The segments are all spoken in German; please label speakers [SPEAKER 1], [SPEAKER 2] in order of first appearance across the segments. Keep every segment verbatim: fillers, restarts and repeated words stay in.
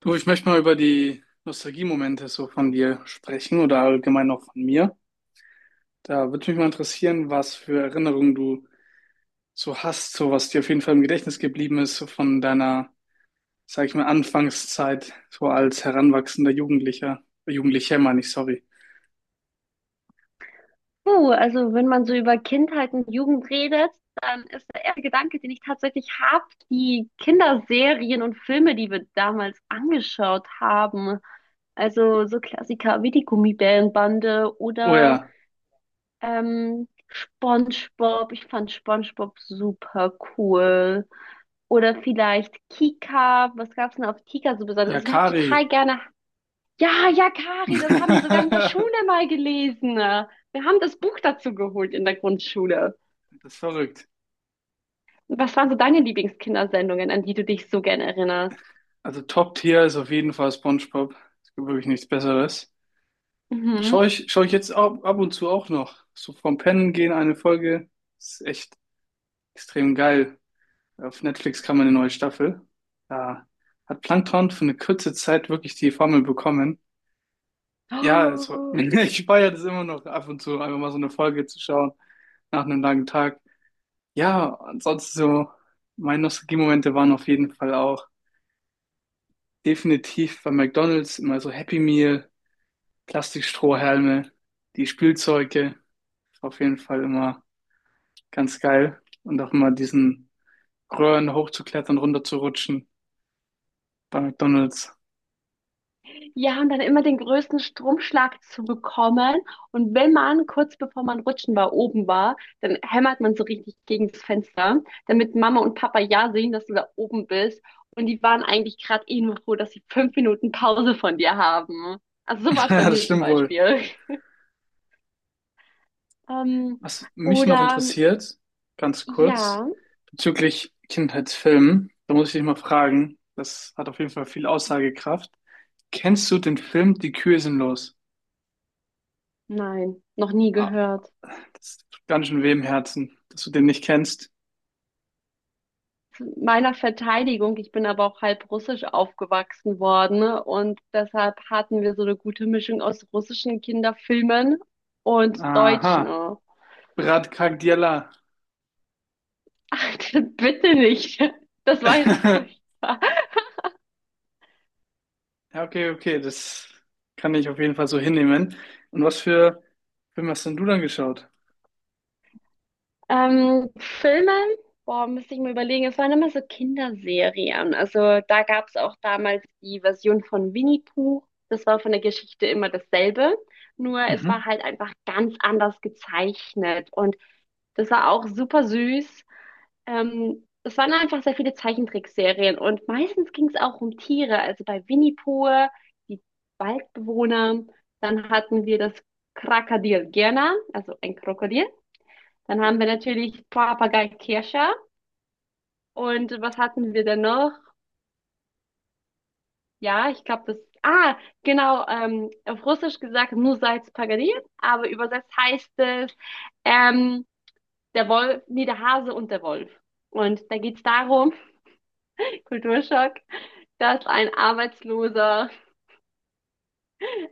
[SPEAKER 1] Du, ich möchte mal über die Nostalgiemomente so von dir sprechen oder allgemein auch von mir. Da würde mich mal interessieren, was für Erinnerungen du so hast, so was dir auf jeden Fall im Gedächtnis geblieben ist, so von deiner, sag ich mal, Anfangszeit, so als heranwachsender Jugendlicher, äh, Jugendlicher meine ich, sorry.
[SPEAKER 2] Puh, also wenn man so über Kindheit und Jugend redet, dann ist der erste Gedanke, den ich tatsächlich habe, die Kinderserien und Filme, die wir damals angeschaut haben. Also so Klassiker wie die Gummibärenbande
[SPEAKER 1] Oh
[SPEAKER 2] oder
[SPEAKER 1] ja,
[SPEAKER 2] ähm, SpongeBob. Ich fand SpongeBob super cool. Oder vielleicht Kika. Was gab's denn auf Kika so besonders?
[SPEAKER 1] ja,
[SPEAKER 2] Also ich habe total
[SPEAKER 1] Kari.
[SPEAKER 2] gerne ja, ja, Kari, das haben wir sogar in der Schule mal gelesen. Wir haben das Buch dazu geholt in der Grundschule.
[SPEAKER 1] Das ist verrückt.
[SPEAKER 2] Was waren so deine Lieblingskindersendungen, an die du dich so gern erinnerst?
[SPEAKER 1] Also Top-Tier ist auf jeden Fall SpongeBob. Es gibt wirklich nichts Besseres.
[SPEAKER 2] Mhm.
[SPEAKER 1] Schaue ich, schaue ich jetzt ab, ab und zu auch noch. So vom Pennen gehen eine Folge. Ist echt extrem geil. Auf Netflix kam eine neue Staffel. Da hat Plankton für eine kurze Zeit wirklich die Formel bekommen. Ja, also,
[SPEAKER 2] Oh.
[SPEAKER 1] ich feiere das immer noch ab und zu, einfach mal so eine Folge zu schauen nach einem langen Tag. Ja, ansonsten so, meine Nostalgie-Momente waren auf jeden Fall auch definitiv bei McDonald's immer so Happy Meal, Plastikstrohhalme, die Spielzeuge. Auf jeden Fall immer ganz geil. Und auch mal diesen Röhren hochzuklettern, runterzurutschen bei McDonald's.
[SPEAKER 2] Ja, und dann immer den größten Stromschlag zu bekommen. Und wenn man kurz bevor man rutschen war, oben war, dann hämmert man so richtig gegen das Fenster, damit Mama und Papa ja sehen, dass du da oben bist. Und die waren eigentlich gerade eh nur froh, dass sie fünf Minuten Pause von dir haben. Also so war es bei
[SPEAKER 1] Ja, das
[SPEAKER 2] mir zum
[SPEAKER 1] stimmt wohl.
[SPEAKER 2] Beispiel. Ähm,
[SPEAKER 1] Was mich noch
[SPEAKER 2] oder
[SPEAKER 1] interessiert, ganz kurz,
[SPEAKER 2] ja,
[SPEAKER 1] bezüglich Kindheitsfilmen, da muss ich dich mal fragen, das hat auf jeden Fall viel Aussagekraft. Kennst du den Film Die Kühe sind los?
[SPEAKER 2] nein, noch nie
[SPEAKER 1] Ah,
[SPEAKER 2] gehört.
[SPEAKER 1] das tut ganz schön weh im Herzen, dass du den nicht kennst.
[SPEAKER 2] Zu meiner Verteidigung, ich bin aber auch halb russisch aufgewachsen worden, ne, und deshalb hatten wir so eine gute Mischung aus russischen Kinderfilmen und deutschen.
[SPEAKER 1] Aha,
[SPEAKER 2] Ach,
[SPEAKER 1] Brad Cardiella.
[SPEAKER 2] bitte nicht. Das war jetzt furchtbar.
[SPEAKER 1] Ja, okay, okay, das kann ich auf jeden Fall so hinnehmen. Und was für Filme hast denn du dann geschaut?
[SPEAKER 2] Ähm, Filme, boah, müsste ich mir überlegen, es waren immer so Kinderserien. Also da gab es auch damals die Version von Winnie Pooh. Das war von der Geschichte immer dasselbe. Nur es
[SPEAKER 1] Mhm.
[SPEAKER 2] war halt einfach ganz anders gezeichnet. Und das war auch super süß. Ähm, es waren einfach sehr viele Zeichentrickserien. Und meistens ging es auch um Tiere. Also bei Winnie Pooh, die Waldbewohner. Dann hatten wir das Krokodil Gerner, also ein Krokodil. Dann haben wir natürlich Papagei Kirscher. Und was hatten wir denn noch? Ja, ich glaube, das. Ah, genau. Ähm, auf Russisch gesagt, Nusaits Pagadir. Aber übersetzt heißt es ähm, der Wolf, nee, der Hase und der Wolf. Und da geht's darum, Kulturschock, dass ein Arbeitsloser,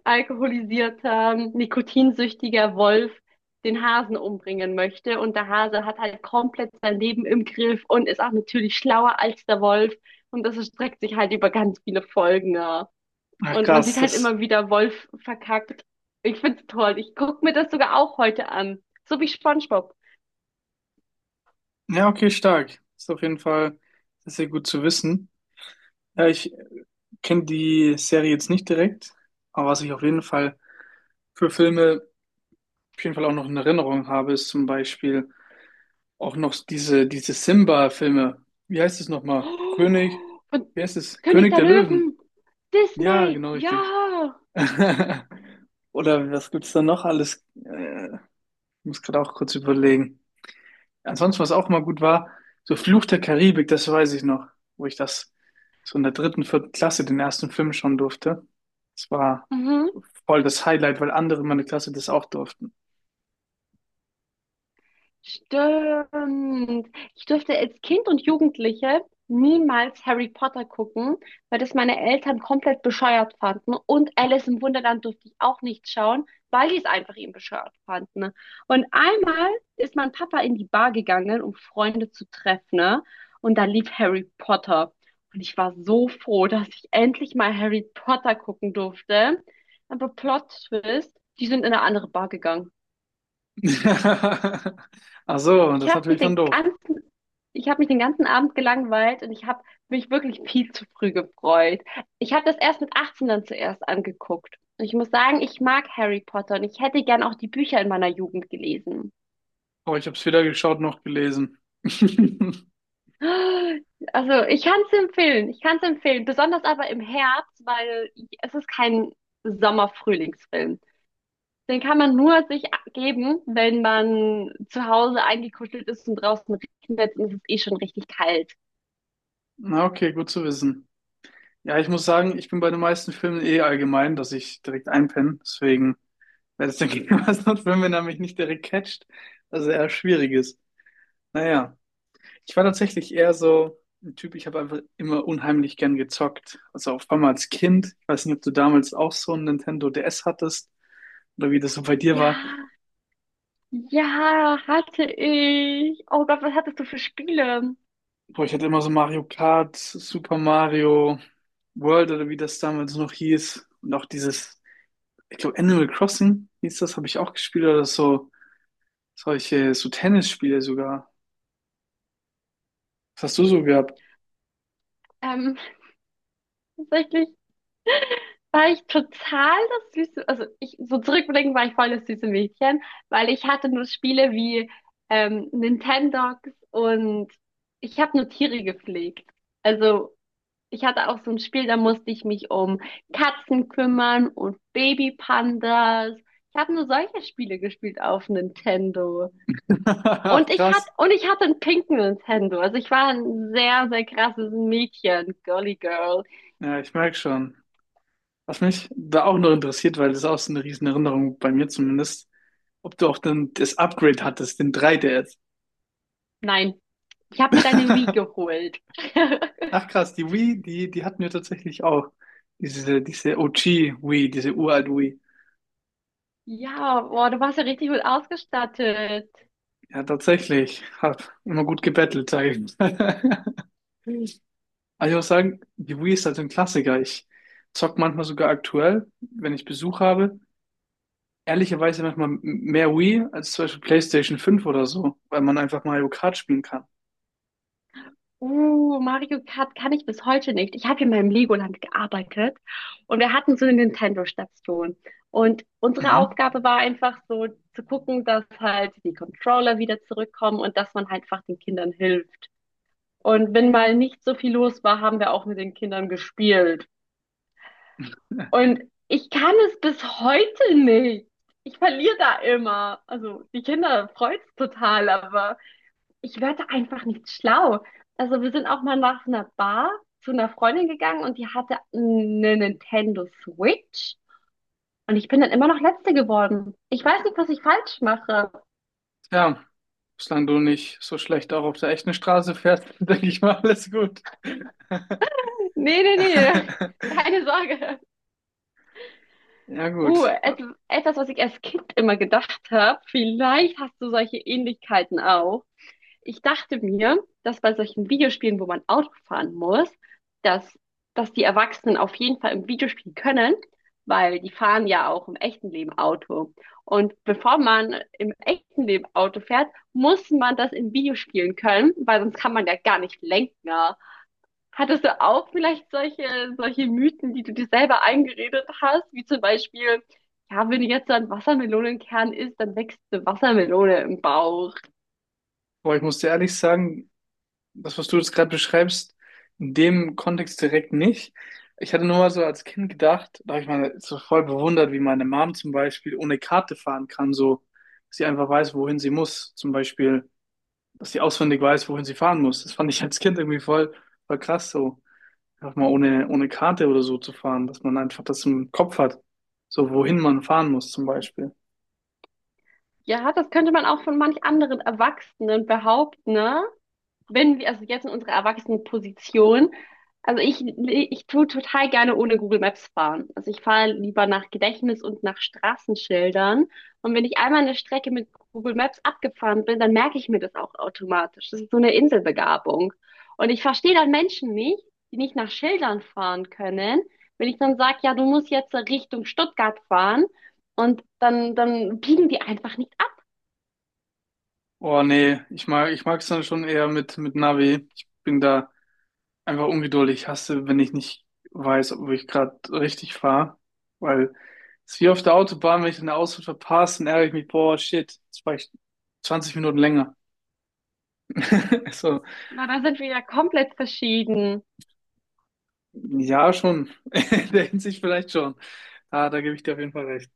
[SPEAKER 2] alkoholisierter, nikotinsüchtiger Wolf den Hasen umbringen möchte. Und der Hase hat halt komplett sein Leben im Griff und ist auch natürlich schlauer als der Wolf. Und das erstreckt sich halt über ganz viele Folgen. Ja.
[SPEAKER 1] Ach,
[SPEAKER 2] Und man sieht
[SPEAKER 1] krass,
[SPEAKER 2] halt
[SPEAKER 1] das.
[SPEAKER 2] immer wieder Wolf verkackt. Ich find's toll. Ich guck mir das sogar auch heute an. So wie SpongeBob.
[SPEAKER 1] Ja, okay, stark. Ist auf jeden Fall sehr, sehr gut zu wissen. Ja, ich kenne die Serie jetzt nicht direkt, aber was ich auf jeden Fall für Filme auf jeden Fall auch noch in Erinnerung habe, ist zum Beispiel auch noch diese, diese Simba-Filme. Wie heißt es nochmal? König,
[SPEAKER 2] Oh, von
[SPEAKER 1] wie heißt es?
[SPEAKER 2] König
[SPEAKER 1] König
[SPEAKER 2] der
[SPEAKER 1] der Löwen.
[SPEAKER 2] Löwen.
[SPEAKER 1] Ja,
[SPEAKER 2] Disney.
[SPEAKER 1] genau richtig.
[SPEAKER 2] Ja.
[SPEAKER 1] Oder was gibt's da noch alles? Äh, muss gerade auch kurz überlegen. Ansonsten, was auch mal gut war, so Fluch der Karibik, das weiß ich noch, wo ich das so in der dritten, vierten Klasse den ersten Film schauen durfte. Das war
[SPEAKER 2] Mhm.
[SPEAKER 1] so voll das Highlight, weil andere in meiner Klasse das auch durften.
[SPEAKER 2] Stimmt. Ich durfte als Kind und Jugendliche niemals Harry Potter gucken, weil das meine Eltern komplett bescheuert fanden. Und Alice im Wunderland durfte ich auch nicht schauen, weil die es einfach eben bescheuert fanden. Und einmal ist mein Papa in die Bar gegangen, um Freunde zu treffen, ne? Und da lief Harry Potter. Und ich war so froh, dass ich endlich mal Harry Potter gucken durfte. Aber Plot Twist, die sind in eine andere Bar gegangen.
[SPEAKER 1] Ach so,
[SPEAKER 2] Ich
[SPEAKER 1] das ist
[SPEAKER 2] habe mich
[SPEAKER 1] natürlich dann
[SPEAKER 2] den
[SPEAKER 1] doof.
[SPEAKER 2] ganzen, ich habe mich den ganzen Abend gelangweilt und ich habe mich wirklich viel zu früh gefreut. Ich habe das erst mit achtzehn dann zuerst angeguckt. Und ich muss sagen, ich mag Harry Potter und ich hätte gern auch die Bücher in meiner Jugend gelesen.
[SPEAKER 1] Aber ich habe es weder geschaut noch gelesen.
[SPEAKER 2] Also, ich kann es empfehlen, ich kann es empfehlen, besonders aber im Herbst, weil es ist kein Sommer-Frühlingsfilm. Den kann man nur sich geben, wenn man zu Hause eingekuschelt ist und draußen regnet und es ist eh schon richtig kalt.
[SPEAKER 1] Na, okay, gut zu wissen. Ja, ich muss sagen, ich bin bei den meisten Filmen eh allgemein, dass ich direkt einpenne. Deswegen. Weil das der Gegner was sonst, wenn man nämlich nicht direkt catcht, was ja eher schwierig ist. Naja, ich war tatsächlich eher so ein Typ, ich habe einfach immer unheimlich gern gezockt. Also auf einmal als Kind. Ich weiß nicht, ob du damals auch so ein Nintendo D S hattest oder wie das so bei dir war.
[SPEAKER 2] Ja, ja, hatte ich. Oh Gott, was hattest du für Spiele?
[SPEAKER 1] Boah, ich hatte immer so Mario Kart, Super Mario World oder wie das damals noch hieß. Und auch dieses, ich glaube, Animal Crossing hieß das, habe ich auch gespielt oder so. Solche, so Tennisspiele sogar. Was hast du so gehabt?
[SPEAKER 2] Ähm, tatsächlich war ich total das süße, also ich, so zurückblickend war ich voll das süße Mädchen, weil ich hatte nur Spiele wie ähm, Nintendogs und ich habe nur Tiere gepflegt. Also ich hatte auch so ein Spiel, da musste ich mich um Katzen kümmern und Babypandas. Ich habe nur solche Spiele gespielt auf Nintendo. Und ich hatte,
[SPEAKER 1] Krass.
[SPEAKER 2] und ich hatte einen pinken Nintendo. Also ich war ein sehr, sehr krasses Mädchen, Girly Girl.
[SPEAKER 1] Ja, ich merke schon. Was mich da auch noch interessiert, weil das ist auch so eine riesen Erinnerung bei mir zumindest, ob du auch dann das Upgrade hattest, den drei D S.
[SPEAKER 2] Nein, ich habe mir deine Wii geholt.
[SPEAKER 1] Ach krass, die Wii, die, die hatten wir tatsächlich auch. Diese, diese O G Wii, diese uralt Wii.
[SPEAKER 2] Ja, boah, du warst ja richtig gut ausgestattet.
[SPEAKER 1] Ja, tatsächlich. Hab immer gut gebettelt, sage ich. Aber ich muss sagen, die Wii ist halt ein Klassiker. Ich zock manchmal sogar aktuell, wenn ich Besuch habe. Ehrlicherweise manchmal m- mehr Wii als zum Beispiel PlayStation fünf oder so, weil man einfach Mario Kart spielen kann.
[SPEAKER 2] Uh, Mario Kart kann ich bis heute nicht. Ich habe in meinem Legoland gearbeitet und wir hatten so eine Nintendo-Station. Und unsere
[SPEAKER 1] Mhm.
[SPEAKER 2] Aufgabe war einfach so zu gucken, dass halt die Controller wieder zurückkommen und dass man halt einfach den Kindern hilft. Und wenn mal nicht so viel los war, haben wir auch mit den Kindern gespielt.
[SPEAKER 1] Ja.
[SPEAKER 2] Und ich kann es bis heute nicht. Ich verliere da immer. Also die Kinder freut's total, aber ich werde einfach nicht schlau. Also wir sind auch mal nach einer Bar zu einer Freundin gegangen und die hatte eine Nintendo Switch. Und ich bin dann immer noch Letzte geworden. Ich weiß nicht, was ich falsch mache.
[SPEAKER 1] Tja, solange du nicht so schlecht auch auf der echten Straße fährst, denke ich mal, alles gut.
[SPEAKER 2] Nee, nee, nee. Keine Sorge.
[SPEAKER 1] Ja,
[SPEAKER 2] Uh,
[SPEAKER 1] gut.
[SPEAKER 2] et etwas, was ich als Kind immer gedacht habe, vielleicht hast du solche Ähnlichkeiten auch. Ich dachte mir, dass bei solchen Videospielen, wo man Auto fahren muss, dass, dass die Erwachsenen auf jeden Fall im Videospiel können, weil die fahren ja auch im echten Leben Auto. Und bevor man im echten Leben Auto fährt, muss man das in Videospielen können, weil sonst kann man ja gar nicht lenken, ja. Hattest du auch vielleicht solche, solche Mythen, die du dir selber eingeredet hast, wie zum Beispiel, ja, wenn du jetzt so einen Wassermelonenkern isst, dann wächst eine Wassermelone im Bauch.
[SPEAKER 1] Aber ich muss dir ehrlich sagen, das, was du jetzt gerade beschreibst, in dem Kontext direkt nicht. Ich hatte nur mal so als Kind gedacht, da habe ich mal so voll bewundert, wie meine Mom zum Beispiel ohne Karte fahren kann, so, dass sie einfach weiß, wohin sie muss. Zum Beispiel, dass sie auswendig weiß, wohin sie fahren muss. Das fand ich als Kind irgendwie voll, voll krass so, einfach mal ohne, ohne Karte oder so zu fahren, dass man einfach das im Kopf hat, so wohin man fahren muss zum Beispiel.
[SPEAKER 2] Ja, das könnte man auch von manch anderen Erwachsenen behaupten, ne? Wenn wir, also jetzt in unserer Erwachsenenposition, also ich, ich tue total gerne ohne Google Maps fahren. Also ich fahre lieber nach Gedächtnis und nach Straßenschildern. Und wenn ich einmal eine Strecke mit Google Maps abgefahren bin, dann merke ich mir das auch automatisch. Das ist so eine Inselbegabung. Und ich verstehe dann Menschen nicht, die nicht nach Schildern fahren können. Wenn ich dann sage, ja, du musst jetzt Richtung Stuttgart fahren und dann, dann biegen die einfach nicht ab.
[SPEAKER 1] Oh nee, ich mag, ich mag's dann schon eher mit, mit Navi. Ich bin da einfach ungeduldig. Ich hasse, wenn ich nicht weiß, ob ich gerade richtig fahre, weil es ist wie auf der Autobahn, wenn ich eine Ausfahrt verpasse, dann ärgere ich mich, boah, shit, jetzt war ich zwanzig Minuten länger. So,
[SPEAKER 2] Na, da sind wir ja komplett verschieden.
[SPEAKER 1] ja, schon. In der Hinsicht vielleicht schon. Ah, da gebe ich dir auf jeden Fall recht.